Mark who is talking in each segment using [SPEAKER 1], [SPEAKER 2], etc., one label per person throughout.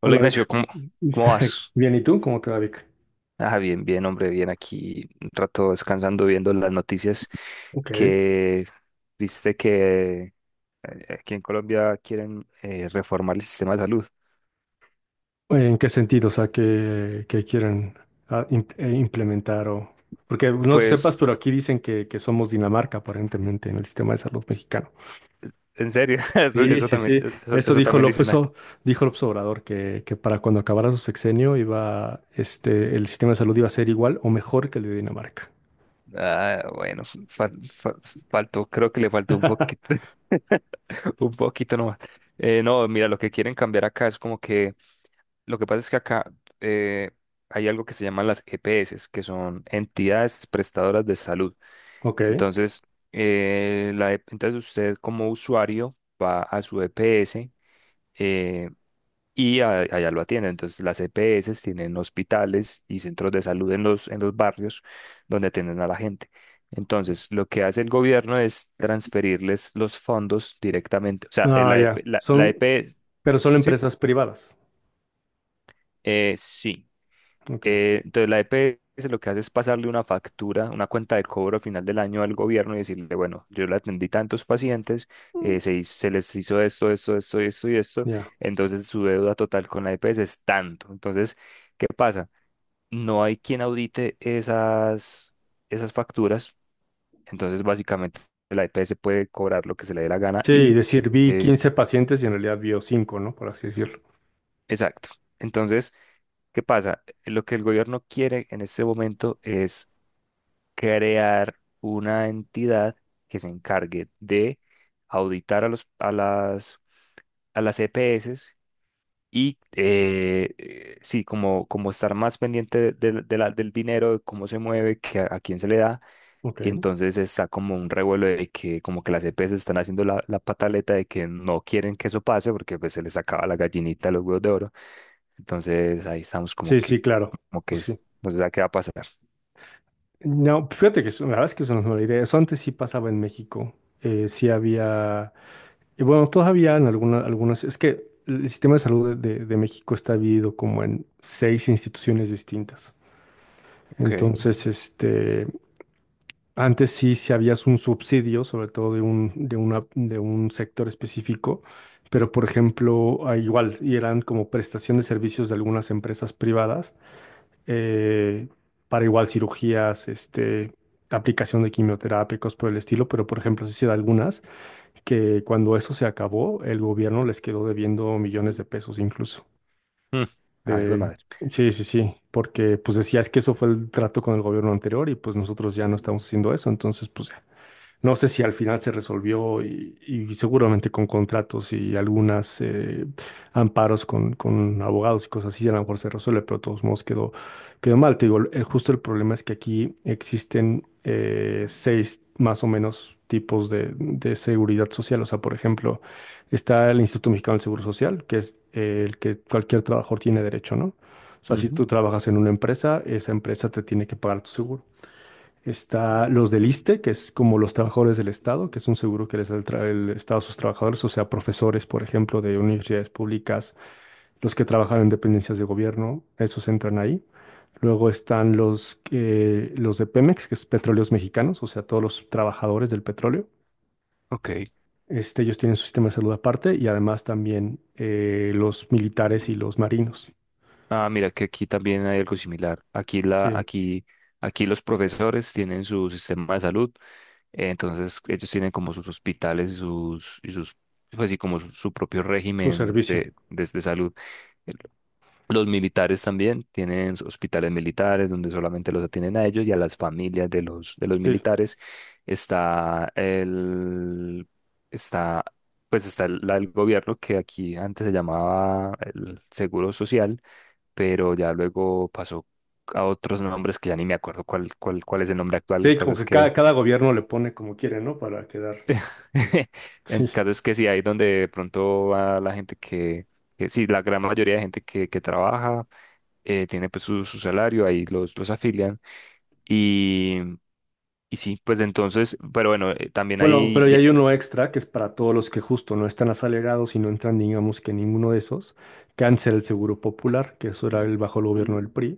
[SPEAKER 1] Hola
[SPEAKER 2] Hola
[SPEAKER 1] Ignacio,
[SPEAKER 2] Vic.
[SPEAKER 1] ¿cómo vas?
[SPEAKER 2] Bien, ¿y tú? ¿Cómo te va, Vic?
[SPEAKER 1] Ah, bien, bien, hombre, bien aquí, un rato descansando, viendo las noticias
[SPEAKER 2] Ok.
[SPEAKER 1] que viste que aquí en Colombia quieren reformar el sistema de salud.
[SPEAKER 2] ¿En qué sentido? O sea, ¿qué que quieren implementar o... Porque no sé si
[SPEAKER 1] Pues,
[SPEAKER 2] sepas, pero aquí dicen que somos Dinamarca, aparentemente, en el sistema de salud mexicano.
[SPEAKER 1] en serio, eso,
[SPEAKER 2] Sí,
[SPEAKER 1] eso
[SPEAKER 2] sí,
[SPEAKER 1] también,
[SPEAKER 2] sí. Eso
[SPEAKER 1] eso también dicen acá.
[SPEAKER 2] Dijo López Obrador, que para cuando acabara su sexenio iba, el sistema de salud iba a ser igual o mejor que el de Dinamarca.
[SPEAKER 1] Ah, bueno, faltó, creo que le faltó un poquito, un poquito nomás. No, mira, lo que quieren cambiar acá es como que lo que pasa es que acá eh, hay algo que se llaman las EPS, que son entidades prestadoras de salud.
[SPEAKER 2] Ok.
[SPEAKER 1] Entonces, entonces usted como usuario va a su EPS, eh, y allá lo atiende. Entonces, las EPS tienen hospitales y centros de salud en en los barrios donde atienden a la gente. Entonces, lo que hace el gobierno es transferirles los fondos directamente. O sea,
[SPEAKER 2] Ah,
[SPEAKER 1] eh, la, EP
[SPEAKER 2] ya.
[SPEAKER 1] la, la EP
[SPEAKER 2] Pero son
[SPEAKER 1] sí,
[SPEAKER 2] empresas privadas.
[SPEAKER 1] sí.
[SPEAKER 2] Ok.
[SPEAKER 1] Entonces la EPS lo que hace es pasarle una factura, una cuenta de cobro al final del año al gobierno y decirle, bueno, yo le atendí tantos pacientes,
[SPEAKER 2] Mm.
[SPEAKER 1] se les hizo esto, esto, esto, esto y esto,
[SPEAKER 2] Ya.
[SPEAKER 1] entonces su deuda total con la EPS es tanto. Entonces, ¿qué pasa? No hay quien audite esas facturas, entonces básicamente la EPS puede cobrar lo que se le dé la gana
[SPEAKER 2] Sí,
[SPEAKER 1] y...
[SPEAKER 2] decir, vi
[SPEAKER 1] eh,
[SPEAKER 2] 15 pacientes y en realidad vio 5, ¿no? Por así decirlo.
[SPEAKER 1] exacto. Entonces, ¿qué pasa? Lo que el gobierno quiere en este momento es crear una entidad que se encargue de auditar a a las EPS, y sí, como, como estar más pendiente del dinero, de cómo se mueve, que a quién se le da.
[SPEAKER 2] Ok.
[SPEAKER 1] Y entonces está como un revuelo de que como que las EPS están haciendo la pataleta de que no quieren que eso pase porque pues se les acaba la gallinita de los huevos de oro. Entonces ahí estamos
[SPEAKER 2] Sí, sí, claro.
[SPEAKER 1] como que
[SPEAKER 2] Pues sí.
[SPEAKER 1] no se sabe qué va a pasar.
[SPEAKER 2] No, fíjate que la verdad es que eso no es mala idea. Eso antes sí pasaba en México. Sí había, y bueno, todavía en algunas, es que el sistema de salud de México está dividido como en seis instituciones distintas.
[SPEAKER 1] Ok.
[SPEAKER 2] Entonces, antes sí, habías un subsidio, sobre todo de un sector específico, pero por ejemplo, igual, y eran como prestación de servicios de algunas empresas privadas, eh, para igual cirugías, este, aplicación de quimioterápicos por el estilo, pero por ejemplo, sí se da algunas que cuando eso se acabó, el gobierno les quedó debiendo millones de pesos incluso.
[SPEAKER 1] Mm. Ay, hijo de
[SPEAKER 2] Eh,
[SPEAKER 1] madre.
[SPEAKER 2] sí, sí, sí, porque pues decías que eso fue el trato con el gobierno anterior y pues nosotros ya no estamos haciendo eso, entonces pues... ya. No sé si al final se resolvió y seguramente con contratos y algunas amparos con abogados y cosas así, a lo mejor se resuelve, pero de todos modos quedó mal. Te digo, justo el problema es que aquí existen seis más o menos tipos de seguridad social. O sea, por ejemplo, está el Instituto Mexicano del Seguro Social, que es el que cualquier trabajador tiene derecho, ¿no? O sea, si
[SPEAKER 1] Ujú.
[SPEAKER 2] tú trabajas en una empresa, esa empresa te tiene que pagar tu seguro. Está los del ISSSTE, que es como los trabajadores del Estado, que es un seguro que les da el Estado a sus trabajadores, o sea, profesores, por ejemplo, de universidades públicas, los que trabajan en dependencias de gobierno, esos entran ahí. Luego están los de Pemex, que es Petróleos Mexicanos, o sea, todos los trabajadores del petróleo.
[SPEAKER 1] Ok.
[SPEAKER 2] Ellos tienen su sistema de salud aparte y además también los militares y los marinos.
[SPEAKER 1] Ah, mira que aquí también hay algo similar.
[SPEAKER 2] Sí,
[SPEAKER 1] Aquí los profesores tienen su sistema de salud, entonces ellos tienen como sus hospitales y pues sí, como su propio
[SPEAKER 2] su
[SPEAKER 1] régimen
[SPEAKER 2] servicio.
[SPEAKER 1] de salud. El- Los militares también tienen sus hospitales militares donde solamente los atienden a ellos y a las familias de de los
[SPEAKER 2] Sí,
[SPEAKER 1] militares. Está el, está, pues está el la del gobierno que aquí antes se llamaba el Seguro Social, pero ya luego pasó a otros nombres que ya ni me acuerdo cuál es el nombre actual. El
[SPEAKER 2] sí,
[SPEAKER 1] caso
[SPEAKER 2] como
[SPEAKER 1] es
[SPEAKER 2] que cada,
[SPEAKER 1] que,
[SPEAKER 2] cada gobierno le pone como quiere, ¿no? Para quedar.
[SPEAKER 1] el
[SPEAKER 2] Sí.
[SPEAKER 1] caso es que sí, ahí donde de pronto va la gente que sí, la gran mayoría de gente que trabaja, tiene pues su salario, ahí los afilian. Y, y sí, pues entonces, pero bueno, también
[SPEAKER 2] Bueno,
[SPEAKER 1] ahí...
[SPEAKER 2] pero ya
[SPEAKER 1] y-
[SPEAKER 2] hay uno extra que es para todos los que justo no están asalariados y no entran, digamos, que en ninguno de esos, cáncer el Seguro Popular, que eso era el bajo el gobierno del PRI,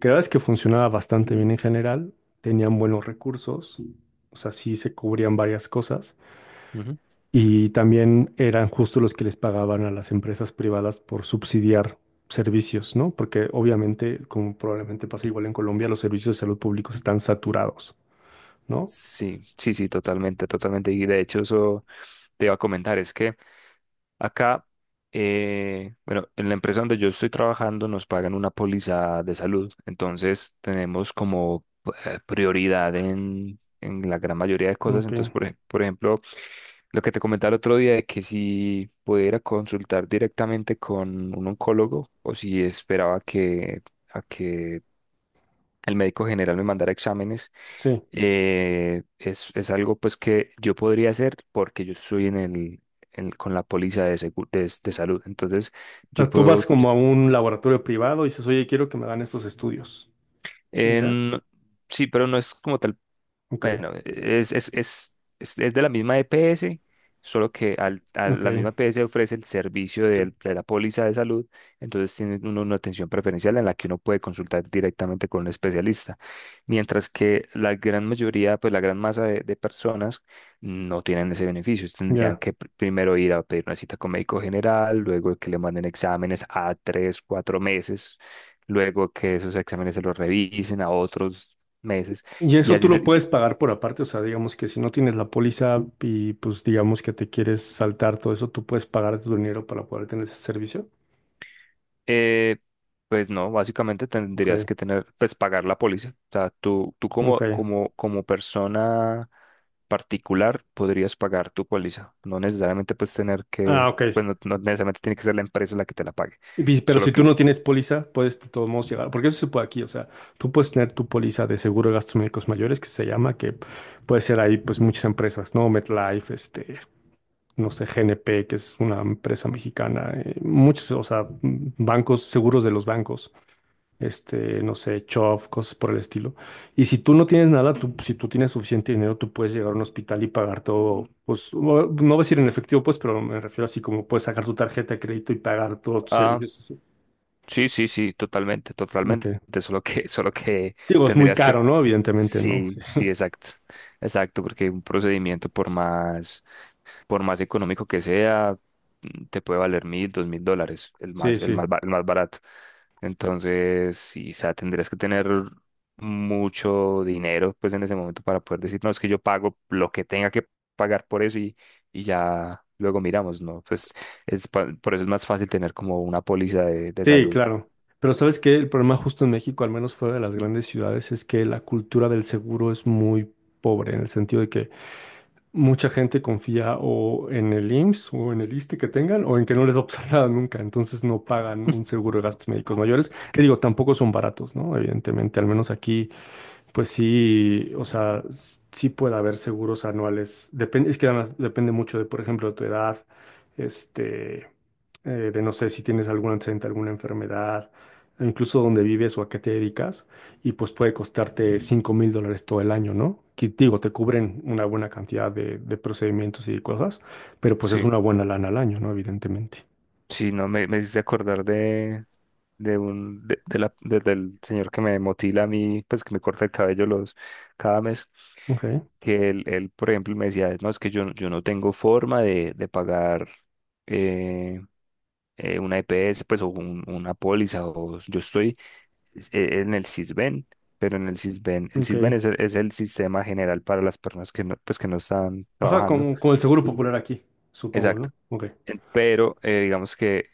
[SPEAKER 2] que la verdad es que funcionaba bastante bien en general, tenían buenos recursos, o sea, sí se cubrían varias cosas,
[SPEAKER 1] Ujú.
[SPEAKER 2] y también eran justo los que les pagaban a las empresas privadas por subsidiar servicios, ¿no? Porque obviamente, como probablemente pasa igual en Colombia, los servicios de salud públicos están saturados, ¿no?
[SPEAKER 1] Sí, sí, sí, totalmente, totalmente. Y de hecho eso te iba a comentar, es que Acá, bueno, en la empresa donde yo estoy trabajando nos pagan una póliza de salud, entonces tenemos como prioridad en la gran mayoría de cosas.
[SPEAKER 2] Ok,
[SPEAKER 1] Entonces, por ejemplo, lo que te comentaba el otro día de que si pudiera consultar directamente con un oncólogo o si esperaba a que el médico general me mandara exámenes,
[SPEAKER 2] sí.
[SPEAKER 1] es algo pues que yo podría hacer porque yo estoy en con la póliza de salud. Entonces, yo
[SPEAKER 2] Sea, tú vas
[SPEAKER 1] puedo,
[SPEAKER 2] como a un laboratorio privado y dices, oye, quiero que me hagan estos estudios. Y ya,
[SPEAKER 1] en- sí, pero no es como tal.
[SPEAKER 2] ok,
[SPEAKER 1] Bueno, es de la misma EPS, solo que a
[SPEAKER 2] ok,
[SPEAKER 1] la misma EPS ofrece el servicio la póliza de salud, entonces tiene uno una atención preferencial en la que uno puede consultar directamente con un especialista, mientras que la gran mayoría, pues la gran masa de personas no tienen ese beneficio, tendrían
[SPEAKER 2] ya.
[SPEAKER 1] que primero ir a pedir una cita con médico general, luego que le manden exámenes a tres, cuatro meses, luego que esos exámenes se los revisen a otros meses.
[SPEAKER 2] Y
[SPEAKER 1] Y
[SPEAKER 2] eso tú
[SPEAKER 1] así,
[SPEAKER 2] lo
[SPEAKER 1] se-
[SPEAKER 2] puedes pagar por aparte, o sea, digamos que si no tienes la póliza y pues digamos que te quieres saltar todo eso, tú puedes pagar tu dinero para poder tener ese servicio.
[SPEAKER 1] Eh, pues no, básicamente
[SPEAKER 2] Ok,
[SPEAKER 1] tendrías que tener, pues pagar la póliza. O sea, tú como,
[SPEAKER 2] ok.
[SPEAKER 1] como persona particular podrías pagar tu póliza. No necesariamente pues tener
[SPEAKER 2] Ah,
[SPEAKER 1] que,
[SPEAKER 2] ok.
[SPEAKER 1] pues no, no necesariamente tiene que ser la empresa la que te la pague.
[SPEAKER 2] Pero
[SPEAKER 1] Solo
[SPEAKER 2] si
[SPEAKER 1] que,
[SPEAKER 2] tú no tienes póliza, puedes de todos modos llegar, porque eso se puede aquí, o sea, tú puedes tener tu póliza de seguro de gastos médicos mayores, que se llama, que puede ser ahí pues muchas empresas, ¿no? MetLife, no sé, GNP, que es una empresa mexicana, muchos, o sea, bancos, seguros de los bancos, no sé, Chubb, cosas por el estilo. Y si tú no tienes nada, si tú tienes suficiente dinero, tú puedes llegar a un hospital y pagar todo, pues, no voy a decir en efectivo, pues, pero me refiero así como puedes sacar tu tarjeta de crédito y pagar todos tus
[SPEAKER 1] ah,
[SPEAKER 2] servicios. Así.
[SPEAKER 1] sí, sí, sí, totalmente, totalmente.
[SPEAKER 2] Ok.
[SPEAKER 1] Solo que, solo que
[SPEAKER 2] Digo, es muy
[SPEAKER 1] tendrías que,
[SPEAKER 2] caro, ¿no? Evidentemente, ¿no?
[SPEAKER 1] sí,
[SPEAKER 2] Sí,
[SPEAKER 1] sí, exacto. Exacto, porque un procedimiento por más, por más económico que sea, mm, te puede valer $1.000, $2.000, el
[SPEAKER 2] sí.
[SPEAKER 1] más,
[SPEAKER 2] Sí.
[SPEAKER 1] el más barato. Entonces, sí, o sea tendrías que tener mucho dinero, pues en ese momento para poder decir, no, es que yo pago lo que tenga que pagar por eso y ya luego miramos, ¿no? Pues es, por eso es más fácil tener como una póliza de
[SPEAKER 2] Sí,
[SPEAKER 1] salud.
[SPEAKER 2] claro. Pero sabes que el problema justo en México, al menos fuera de las grandes ciudades, es que la cultura del seguro es muy pobre, en el sentido de que mucha gente confía o en el IMSS o en el ISSSTE que tengan o en que no les va a pasar nada nunca, entonces no pagan un seguro de gastos médicos mayores, que digo, tampoco son baratos, ¿no? Evidentemente, al menos aquí pues sí, o sea, sí puede haber seguros anuales. Depende, es que además depende mucho de, por ejemplo, tu edad, este, de no sé si tienes algún antecedente, alguna enfermedad, e incluso dónde vives o a qué te dedicas, y pues puede costarte 5,000 dólares todo el año, ¿no? Que digo, te cubren una buena cantidad de procedimientos y cosas, pero pues es
[SPEAKER 1] Sí,
[SPEAKER 2] una buena lana al año, ¿no? Evidentemente.
[SPEAKER 1] sí, no, me hiciste acordar de un, de la, de- del señor que me motila a mí, pues que me corta el cabello cada mes.
[SPEAKER 2] Ok,
[SPEAKER 1] Que él, por ejemplo, me decía, no, es que yo, yo no tengo forma de pagar eh, una EPS, pues, o una póliza, o yo estoy en el Sisbén, pero en el Sisbén
[SPEAKER 2] ok.
[SPEAKER 1] es el sistema general para las personas que no, pues, que no están
[SPEAKER 2] Ajá,
[SPEAKER 1] trabajando.
[SPEAKER 2] como, el seguro popular aquí, supongo,
[SPEAKER 1] Exacto.
[SPEAKER 2] ¿no? Ok.
[SPEAKER 1] En- Pero digamos que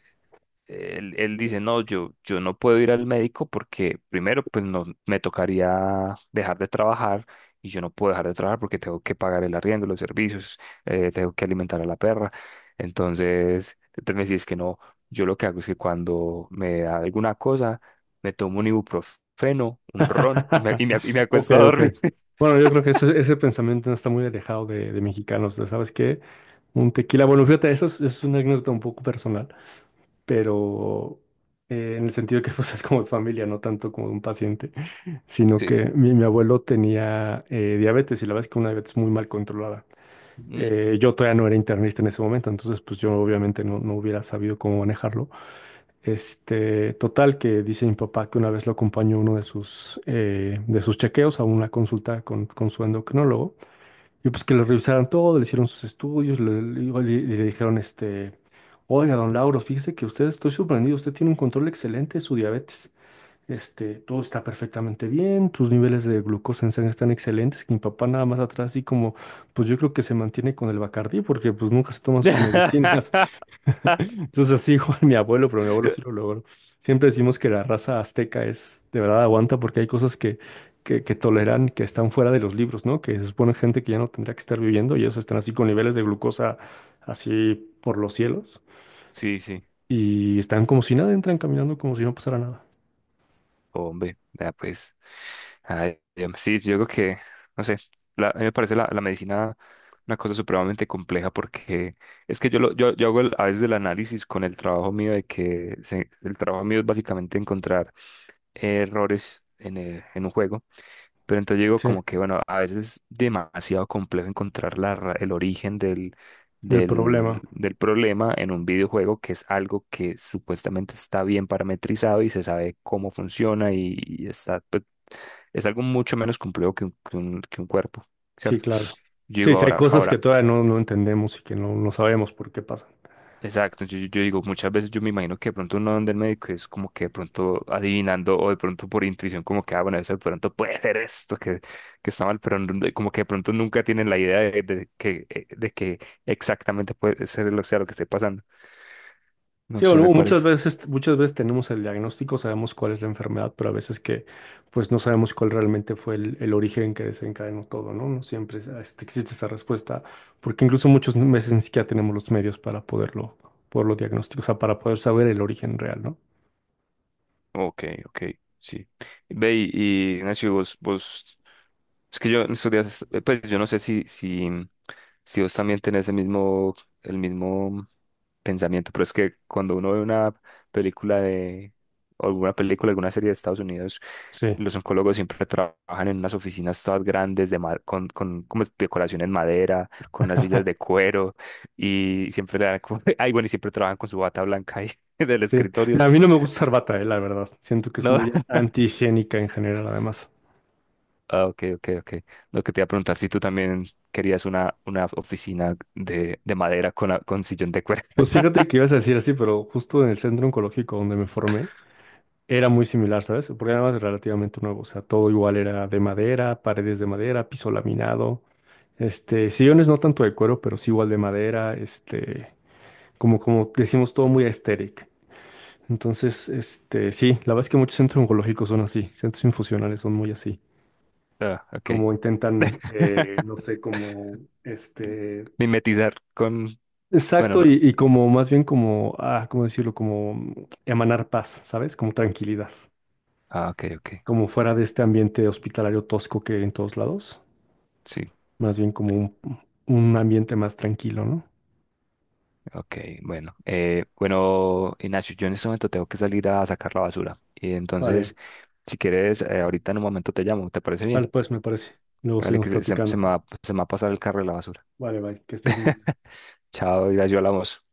[SPEAKER 1] él, dice, no, yo no puedo ir al médico porque primero, pues no, me tocaría dejar de trabajar y yo no puedo dejar de trabajar porque tengo que pagar el arriendo, los servicios, tengo que alimentar a la perra. Entonces, entonces me decía, es que no, yo lo que hago es que cuando me da alguna cosa, me tomo un ibuprofeno, un ron y y me
[SPEAKER 2] Ok,
[SPEAKER 1] acuesto a
[SPEAKER 2] ok.
[SPEAKER 1] dormir.
[SPEAKER 2] Bueno, yo creo que ese pensamiento no está muy alejado de mexicanos, ¿no? ¿Sabes qué? Un tequila, bueno, fíjate, eso es una anécdota un poco personal, pero en el sentido que pues es como de familia, no tanto como de un paciente, sino
[SPEAKER 1] Sí.
[SPEAKER 2] que mi abuelo tenía diabetes y la verdad es que una diabetes muy mal controlada.
[SPEAKER 1] Mm.
[SPEAKER 2] Yo todavía no era internista en ese momento, entonces pues yo obviamente no, no hubiera sabido cómo manejarlo. Total, que dice mi papá que una vez lo acompañó a uno de sus chequeos, a una consulta con su endocrinólogo, y pues que le revisaron todo, le hicieron sus estudios, le dijeron, oiga, don Lauro, fíjese que usted, estoy sorprendido, usted tiene un control excelente de su diabetes, todo está perfectamente bien, tus niveles de glucosa en sangre están excelentes, que mi papá nada más atrás, así como, pues yo creo que se mantiene con el Bacardí, porque pues nunca se toma sus medicinas. Entonces así igual mi abuelo, pero mi abuelo sí lo logró. Siempre decimos que la raza azteca es de verdad aguanta porque hay cosas que toleran que están fuera de los libros, ¿no? Que se supone gente que ya no tendría que estar viviendo y ellos están así con niveles de glucosa así por los cielos
[SPEAKER 1] Sí, sí.
[SPEAKER 2] y están como si nada, entran caminando como si no pasara nada.
[SPEAKER 1] Hombre, ya pues, ay, sí, yo creo que, no sé, la- a mí me parece la medicina una cosa supremamente compleja porque es que yo, lo, yo hago a veces el análisis con el trabajo mío de que se- el trabajo mío es básicamente encontrar errores en, en un juego. Pero entonces yo digo
[SPEAKER 2] Sí,
[SPEAKER 1] como que, bueno, a veces es demasiado complejo encontrar la el origen
[SPEAKER 2] del problema.
[SPEAKER 1] del problema en un videojuego que es algo que supuestamente está bien parametrizado y se sabe cómo funciona y está, pues, es algo mucho menos complejo que un, que un cuerpo,
[SPEAKER 2] Sí,
[SPEAKER 1] ¿cierto?
[SPEAKER 2] claro.
[SPEAKER 1] Yo
[SPEAKER 2] Sí,
[SPEAKER 1] digo
[SPEAKER 2] sí, hay
[SPEAKER 1] ahora,
[SPEAKER 2] cosas que
[SPEAKER 1] ahora,
[SPEAKER 2] todavía no entendemos y que no sabemos por qué pasan.
[SPEAKER 1] exacto, yo, yo digo, muchas veces yo me imagino que de pronto uno donde el médico es como que de pronto adivinando o de pronto por intuición como que, ah, bueno, eso de pronto puede ser esto que está mal, pero no- como que de pronto nunca tienen la idea de que exactamente puede ser lo, sea lo que esté pasando. No
[SPEAKER 2] Sí, o
[SPEAKER 1] sé,
[SPEAKER 2] no,
[SPEAKER 1] me
[SPEAKER 2] muchas
[SPEAKER 1] parece.
[SPEAKER 2] veces, muchas veces tenemos el diagnóstico, sabemos cuál es la enfermedad, pero a veces que pues no sabemos cuál realmente fue el origen que desencadenó todo, ¿no? No siempre existe esa respuesta, porque incluso muchas veces ni siquiera tenemos los medios para poderlo diagnosticar, o sea, para poder saber el origen real, ¿no?
[SPEAKER 1] Ok, ok, sí. Ve y Nacho, vos, vos, es que yo en estos días, pues yo no sé si vos también tenés el mismo pensamiento, pero es que cuando uno ve una película de, o alguna película, alguna serie de Estados Unidos,
[SPEAKER 2] Sí,
[SPEAKER 1] los oncólogos siempre trabajan en unas oficinas todas grandes de con como es, decoración en madera, con unas sillas de cuero y siempre le dan como- ay, bueno, y siempre trabajan con su bata blanca ahí del
[SPEAKER 2] sí.
[SPEAKER 1] escritorio.
[SPEAKER 2] A mí no me gusta usar bata, la verdad. Siento que es
[SPEAKER 1] No,
[SPEAKER 2] muy antihigiénica en general, además.
[SPEAKER 1] ah, ok, ok, ok. Lo que te iba a preguntar, si tú también querías una oficina de madera con, con sillón de cuero.
[SPEAKER 2] Pues fíjate que ibas a decir así, pero justo en el centro oncológico donde me formé, era muy similar, ¿sabes? Porque además es relativamente nuevo, o sea, todo igual era de madera, paredes de madera, piso laminado, sillones no tanto de cuero, pero sí igual de madera, como, decimos, todo muy aesthetic. Entonces, sí, la verdad es que muchos centros oncológicos son así, centros infusionales son muy así,
[SPEAKER 1] Ah, ok.
[SPEAKER 2] como intentan, no sé, como,
[SPEAKER 1] Mimetizar con... Bueno,
[SPEAKER 2] exacto,
[SPEAKER 1] no.
[SPEAKER 2] y como más bien como, ¿cómo decirlo? Como emanar paz, ¿sabes? Como tranquilidad.
[SPEAKER 1] Ah, ok, ok.
[SPEAKER 2] Como fuera de este ambiente hospitalario tosco que hay en todos lados,
[SPEAKER 1] Sí,
[SPEAKER 2] más bien como un ambiente más tranquilo, ¿no?
[SPEAKER 1] ok, bueno. Bueno, Ignacio, yo en este momento tengo que salir a sacar la basura. Y entonces,
[SPEAKER 2] Vale,
[SPEAKER 1] si quieres, ahorita en un momento te llamo, ¿te parece bien?
[SPEAKER 2] sal pues, me parece. Luego
[SPEAKER 1] Dale, que
[SPEAKER 2] seguimos platicando.
[SPEAKER 1] se me va a pasar el carro de la basura.
[SPEAKER 2] Vale, bye, que estés muy bien.
[SPEAKER 1] Chao, Ignacio, hablamos.